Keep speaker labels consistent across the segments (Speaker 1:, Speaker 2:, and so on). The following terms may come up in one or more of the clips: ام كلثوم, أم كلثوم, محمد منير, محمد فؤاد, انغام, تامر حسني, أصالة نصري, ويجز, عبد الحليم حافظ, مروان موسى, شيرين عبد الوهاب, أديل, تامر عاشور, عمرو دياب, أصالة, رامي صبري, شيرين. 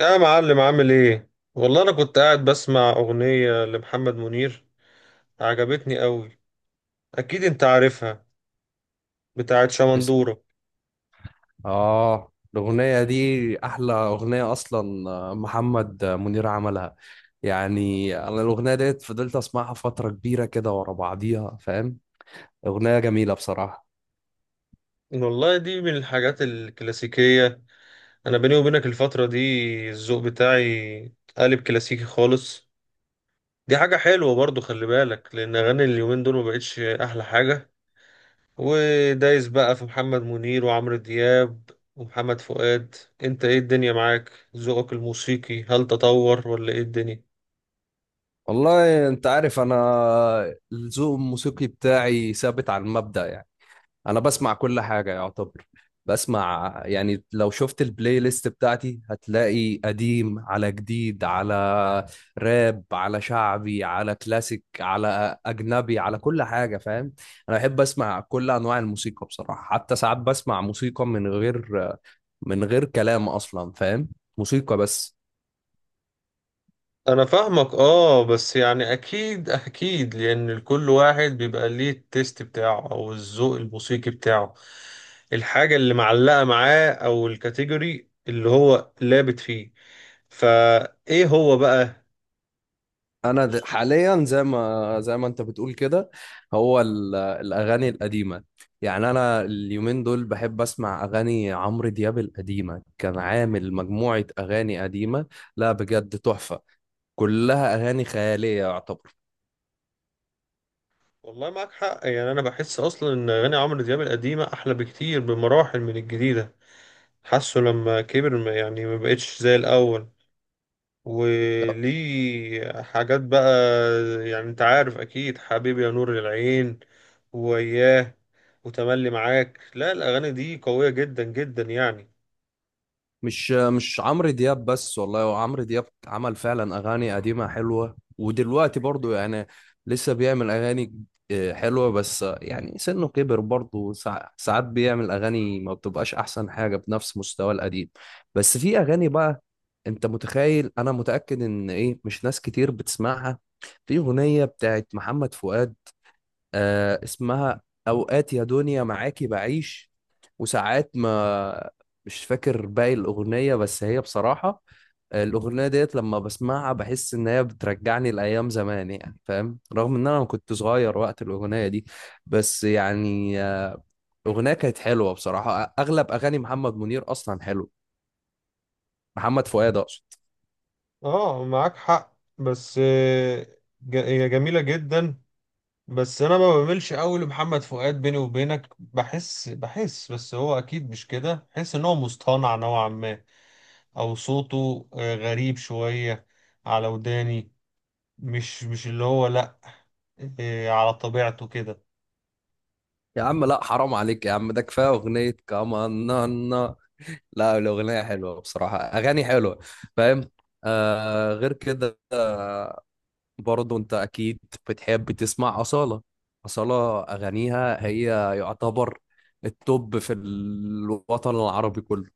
Speaker 1: يا معلم، عامل ايه؟ والله انا كنت قاعد بسمع اغنية لمحمد منير، عجبتني قوي. اكيد انت عارفها، بتاعت
Speaker 2: است-
Speaker 1: شمندورة.
Speaker 2: اه الأغنية دي أحلى أغنية أصلا، محمد منير عملها. يعني أنا الأغنية ديت فضلت أسمعها فترة كبيرة كده ورا بعضيها، فاهم؟ أغنية جميلة بصراحة.
Speaker 1: والله دي من الحاجات الكلاسيكية. انا بيني وبينك الفترة دي الذوق بتاعي قالب كلاسيكي خالص. دي حاجة حلوة برضو، خلي بالك لان اغاني اليومين دول ما بقتش احلى حاجة. ودايس بقى في محمد منير وعمرو دياب ومحمد فؤاد. انت ايه الدنيا معاك؟ ذوقك الموسيقي هل تطور ولا ايه الدنيا؟
Speaker 2: والله أنت عارف، أنا الذوق الموسيقي بتاعي ثابت على المبدأ يعني. انا بسمع كل حاجه يعتبر. بسمع يعني لو شفت البلاي ليست بتاعتي هتلاقي قديم على جديد على راب على شعبي على كلاسيك على اجنبي على كل حاجه، فاهم؟ انا بحب اسمع كل انواع الموسيقى بصراحه. حتى ساعات بسمع موسيقى من غير كلام اصلا، فاهم؟ موسيقى بس.
Speaker 1: انا فاهمك. اه، بس يعني اكيد اكيد لان كل واحد بيبقى ليه التيست بتاعه او الذوق الموسيقي بتاعه، الحاجة اللي معلقة معاه او الكاتيجوري اللي هو لابت فيه. فايه هو بقى؟
Speaker 2: انا حاليا زي ما انت بتقول كده، هو الاغاني القديمه. يعني انا اليومين دول بحب اسمع اغاني عمرو دياب القديمه. كان عامل مجموعه اغاني قديمه. لا بجد تحفه، كلها اغاني خياليه يعتبر.
Speaker 1: والله معاك حق، يعني انا بحس اصلا ان اغاني عمرو دياب القديمة احلى بكتير بمراحل من الجديدة. حاسه لما كبر يعني ما بقتش زي الاول، وليه حاجات بقى. يعني انت عارف اكيد حبيبي يا نور العين، وياه، وتملي معاك. لا، الاغاني دي قوية جدا جدا يعني.
Speaker 2: مش عمرو دياب بس والله. هو عمرو دياب عمل فعلا اغاني قديمه حلوه، ودلوقتي برضو يعني لسه بيعمل اغاني حلوه. بس يعني سنه كبر برضو، ساعات بيعمل اغاني ما بتبقاش احسن حاجه بنفس مستوى القديم. بس في اغاني بقى، انت متخيل؟ انا متاكد ان ايه مش ناس كتير بتسمعها. في اغنيه بتاعت محمد فؤاد، اسمها "اوقات يا دنيا معاكي بعيش وساعات ما"، مش فاكر باقي الأغنية. بس هي بصراحة الأغنية ديت لما بسمعها بحس إن هي بترجعني لأيام زمان، يعني فاهم؟ رغم إن أنا ما كنت صغير وقت الأغنية دي، بس يعني الأغنية كانت حلوة بصراحة. أغلب أغاني محمد منير أصلا حلو، محمد فؤاد أقصد.
Speaker 1: اه معاك حق، بس هي جميلة جدا. بس انا ما بميلش قوي لمحمد فؤاد، بيني وبينك بحس بس هو اكيد مش كده، بحس ان هو مصطنع نوعا ما، او صوته غريب شوية على وداني. مش اللي هو لأ، إيه، على طبيعته كده.
Speaker 2: يا عم لا، حرام عليك يا عم، ده كفاية أغنية كمان نانا. لا الأغنية حلوة بصراحة، أغاني حلوة، فاهم؟ آه، غير كده، برضه انت اكيد بتحب تسمع أصالة. أصالة أغانيها هي يعتبر التوب في الوطن العربي كله.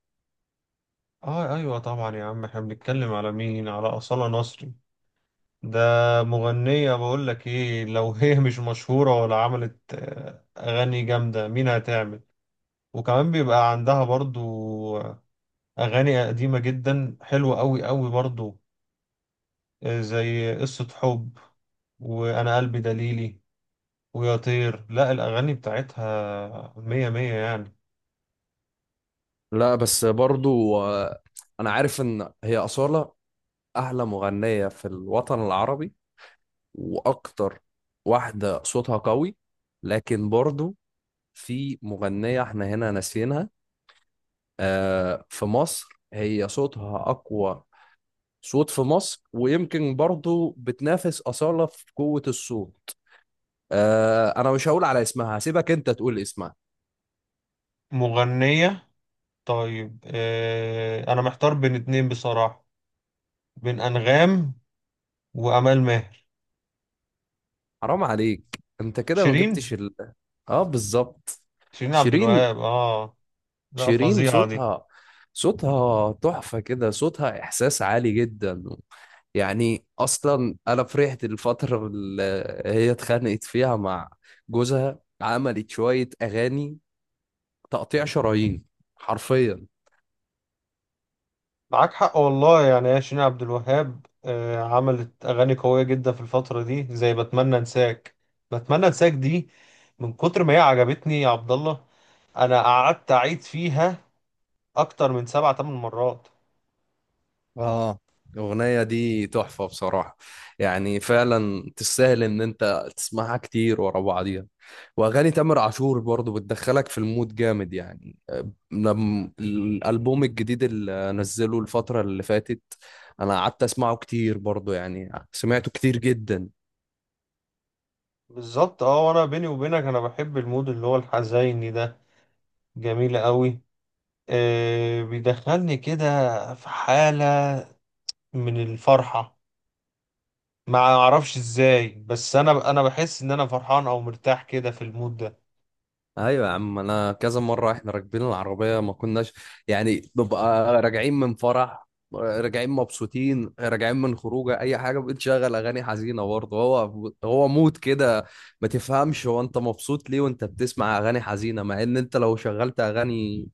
Speaker 1: اه ايوه طبعا يا عم. احنا بنتكلم على مين؟ على أصالة نصري. ده مغنية بقول لك ايه، لو هي مش مشهورة ولا عملت اغاني جامدة، مين هتعمل؟ وكمان بيبقى عندها برضو آه، اغاني قديمة جدا، حلوة قوي قوي برضو، زي قصة حب، وانا قلبي دليلي، ويا طير. لا، الاغاني بتاعتها مية مية يعني.
Speaker 2: لا بس برضه، آه، انا عارف ان هي أصالة احلى مغنية في الوطن العربي واكتر واحدة صوتها قوي. لكن برضه في مغنية احنا هنا ناسينها، في مصر. هي صوتها اقوى صوت في مصر، ويمكن برضه بتنافس أصالة في قوة الصوت. انا مش هقول على اسمها، هسيبك انت تقول اسمها.
Speaker 1: مغنية. طيب، انا محتار بين اتنين بصراحة، بين انغام وامال ماهر.
Speaker 2: حرام عليك، انت كده ما
Speaker 1: شيرين
Speaker 2: جبتش ال... اه بالظبط،
Speaker 1: شيرين عبد
Speaker 2: شيرين.
Speaker 1: الوهاب، اه. لا
Speaker 2: شيرين
Speaker 1: فظيعة دي.
Speaker 2: صوتها، صوتها تحفة كده، صوتها إحساس عالي جدا. يعني أصلا أنا فرحت الفترة اللي هي اتخانقت فيها مع جوزها، عملت شوية أغاني تقطيع شرايين حرفيا.
Speaker 1: معاك حق والله، يعني يا شيرين عبد الوهاب آه عملت اغاني قوية جدا في الفترة دي، زي بتمنى انساك. بتمنى انساك دي من كتر ما هي عجبتني يا عبد الله، انا قعدت اعيد فيها اكتر من 7 8 مرات.
Speaker 2: اه، الأغنية دي تحفة بصراحة. يعني فعلا تستاهل إن أنت تسمعها كتير ورا بعضيها. وأغاني تامر عاشور برضو بتدخلك في المود جامد يعني. لم الألبوم الجديد اللي نزله الفترة اللي فاتت أنا قعدت أسمعه كتير برضو، يعني سمعته كتير جدا.
Speaker 1: بالظبط. اه وانا بيني وبينك انا بحب المود اللي هو الحزيني ده، جميل قوي. بيدخلني كده في حالة من الفرحة، ما اعرفش ازاي، بس انا بحس ان انا فرحان او مرتاح كده في المود ده.
Speaker 2: ايوه يا عم، انا كذا مره احنا راكبين العربيه، ما كناش، يعني ببقى راجعين من فرح، راجعين مبسوطين، راجعين من خروجه، اي حاجه بتشغل اغاني حزينه برضه. هو هو مود كده ما تفهمش، هو انت مبسوط ليه وانت بتسمع اغاني حزينه؟ مع ان انت لو شغلت اغاني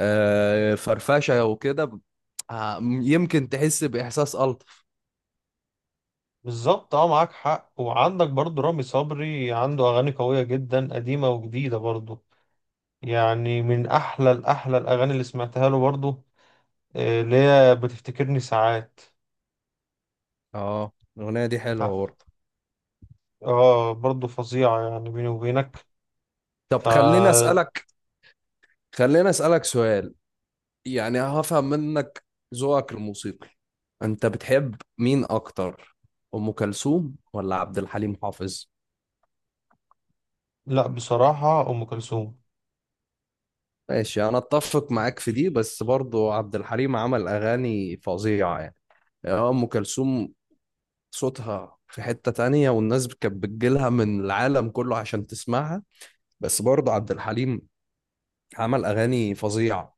Speaker 2: فرفشه وكده يمكن تحس باحساس الطف.
Speaker 1: بالظبط. اه معاك حق. وعندك برضو رامي صبري، عنده اغاني قوية جدا قديمة وجديدة برضو، يعني من احلى الاحلى الاغاني اللي سمعتها له برضو، اللي هي بتفتكرني ساعات.
Speaker 2: اه، الاغنيه دي حلوه برضه.
Speaker 1: اه برضو فظيعة يعني بيني وبينك.
Speaker 2: طب
Speaker 1: فلا.
Speaker 2: خليني اسالك سؤال. يعني هفهم منك ذوقك الموسيقي، انت بتحب مين اكتر، ام كلثوم ولا عبد الحليم حافظ؟
Speaker 1: بصراحة ام كلثوم.
Speaker 2: ماشي، انا اتفق معاك في دي. بس برضو عبد الحليم عمل اغاني فظيعة يعني. ام كلثوم صوتها في حتة تانية، والناس كانت بتجيلها من العالم كله عشان تسمعها. بس برضو عبد الحليم عمل اغاني فظيعة.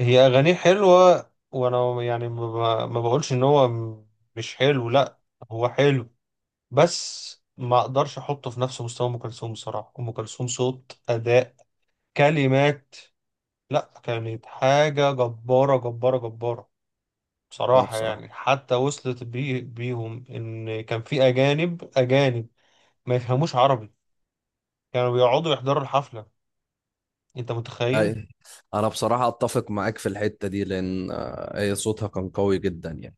Speaker 1: هي أغانيه حلوة، وأنا يعني ما ما بقولش إن هو مش حلو، لأ، هو حلو. بس ما أقدرش أحطه في نفس مستوى أم كلثوم. بصراحة أم كلثوم، صوت، أداء، كلمات، لأ، كانت حاجة جبارة جبارة جبارة
Speaker 2: اه
Speaker 1: بصراحة.
Speaker 2: بصراحة.
Speaker 1: يعني حتى وصلت بي بيهم إن كان في أجانب أجانب ما يفهموش عربي كانوا بيقعدوا يحضروا الحفلة. أنت متخيل؟
Speaker 2: اي، انا بصراحة اتفق معاك في الحتة دي لان هي صوتها كان قوي جدا يعني.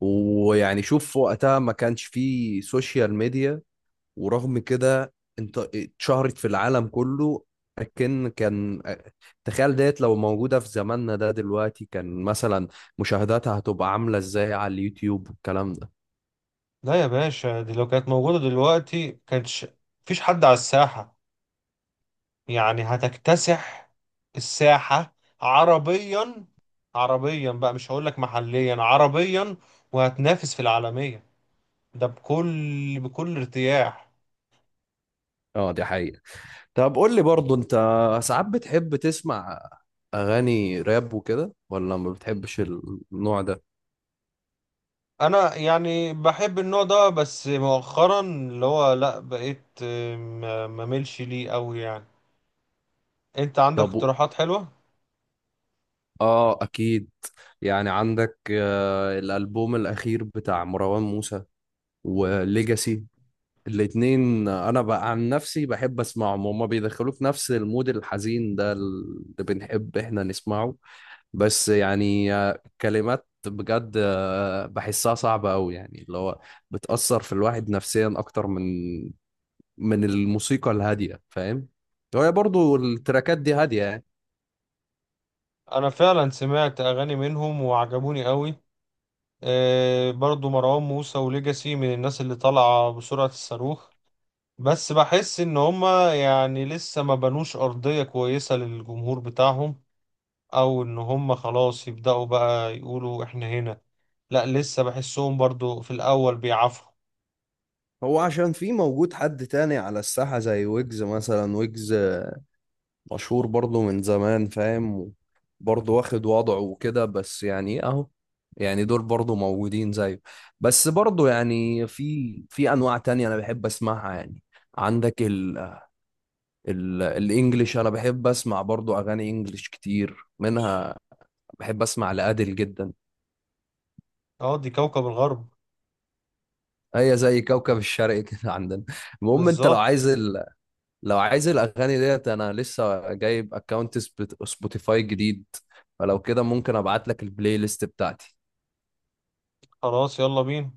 Speaker 2: ويعني شوف، في وقتها ما كانش فيه سوشيال ميديا، ورغم كده انت اتشهرت في العالم كله. لكن كان، تخيل ديت لو موجودة في زماننا ده دلوقتي، كان مثلا مشاهداتها هتبقى عاملة ازاي على اليوتيوب والكلام ده.
Speaker 1: لا يا باشا، دي لو كانت موجودة دلوقتي كانتش مفيش حد على الساحة، يعني هتكتسح الساحة عربيا. عربيا بقى، مش هقول لك محليا، عربيا، وهتنافس في العالمية، ده بكل بكل ارتياح.
Speaker 2: اه دي حقيقة. طب قول لي برضو، انت ساعات بتحب تسمع اغاني راب وكده ولا ما بتحبش النوع ده؟
Speaker 1: انا يعني بحب النوع ده، بس مؤخرا اللي هو لا بقيت ما مملش ليه قوي يعني. انت عندك
Speaker 2: طب،
Speaker 1: اقتراحات حلوة؟
Speaker 2: اه اكيد. يعني عندك الالبوم الاخير بتاع مروان موسى وليجاسي. الاتنين انا بقى عن نفسي بحب اسمعهم، هما بيدخلوك في نفس المود الحزين ده اللي بنحب احنا نسمعه. بس يعني كلمات بجد بحسها صعبة أوي، يعني اللي هو بتأثر في الواحد نفسيا أكتر من الموسيقى الهادية، فاهم؟ هي برضو التراكات دي هادية يعني.
Speaker 1: انا فعلا سمعت اغاني منهم وعجبوني قوي. برضو مروان موسى وليجاسي من الناس اللي طالعة بسرعة الصاروخ، بس بحس ان هما يعني لسه ما بنوش ارضية كويسة للجمهور بتاعهم، او ان هما خلاص يبدأوا بقى يقولوا احنا هنا. لا، لسه بحسهم برضو في الاول بيعافروا.
Speaker 2: هو عشان في موجود حد تاني على الساحة زي ويجز مثلا. ويجز مشهور برضه من زمان، فاهم؟ برضه واخد وضعه وكده، بس يعني إيه اهو، يعني دول برضه موجودين زيه. بس برضه يعني في انواع تانية انا بحب اسمعها يعني. عندك ال ال الانجليش انا بحب اسمع برضه اغاني انجليش كتير منها. بحب اسمع لأديل جدا.
Speaker 1: اه دي كوكب الغرب.
Speaker 2: هي زي كوكب الشرق كده عندنا. المهم انت لو
Speaker 1: بالظبط.
Speaker 2: عايز ال... لو عايز الاغاني ديت، انا لسه جايب اكونت سبوتيفاي جديد. فلو كده ممكن ابعت لك البلاي ليست بتاعتي.
Speaker 1: خلاص يلا بينا.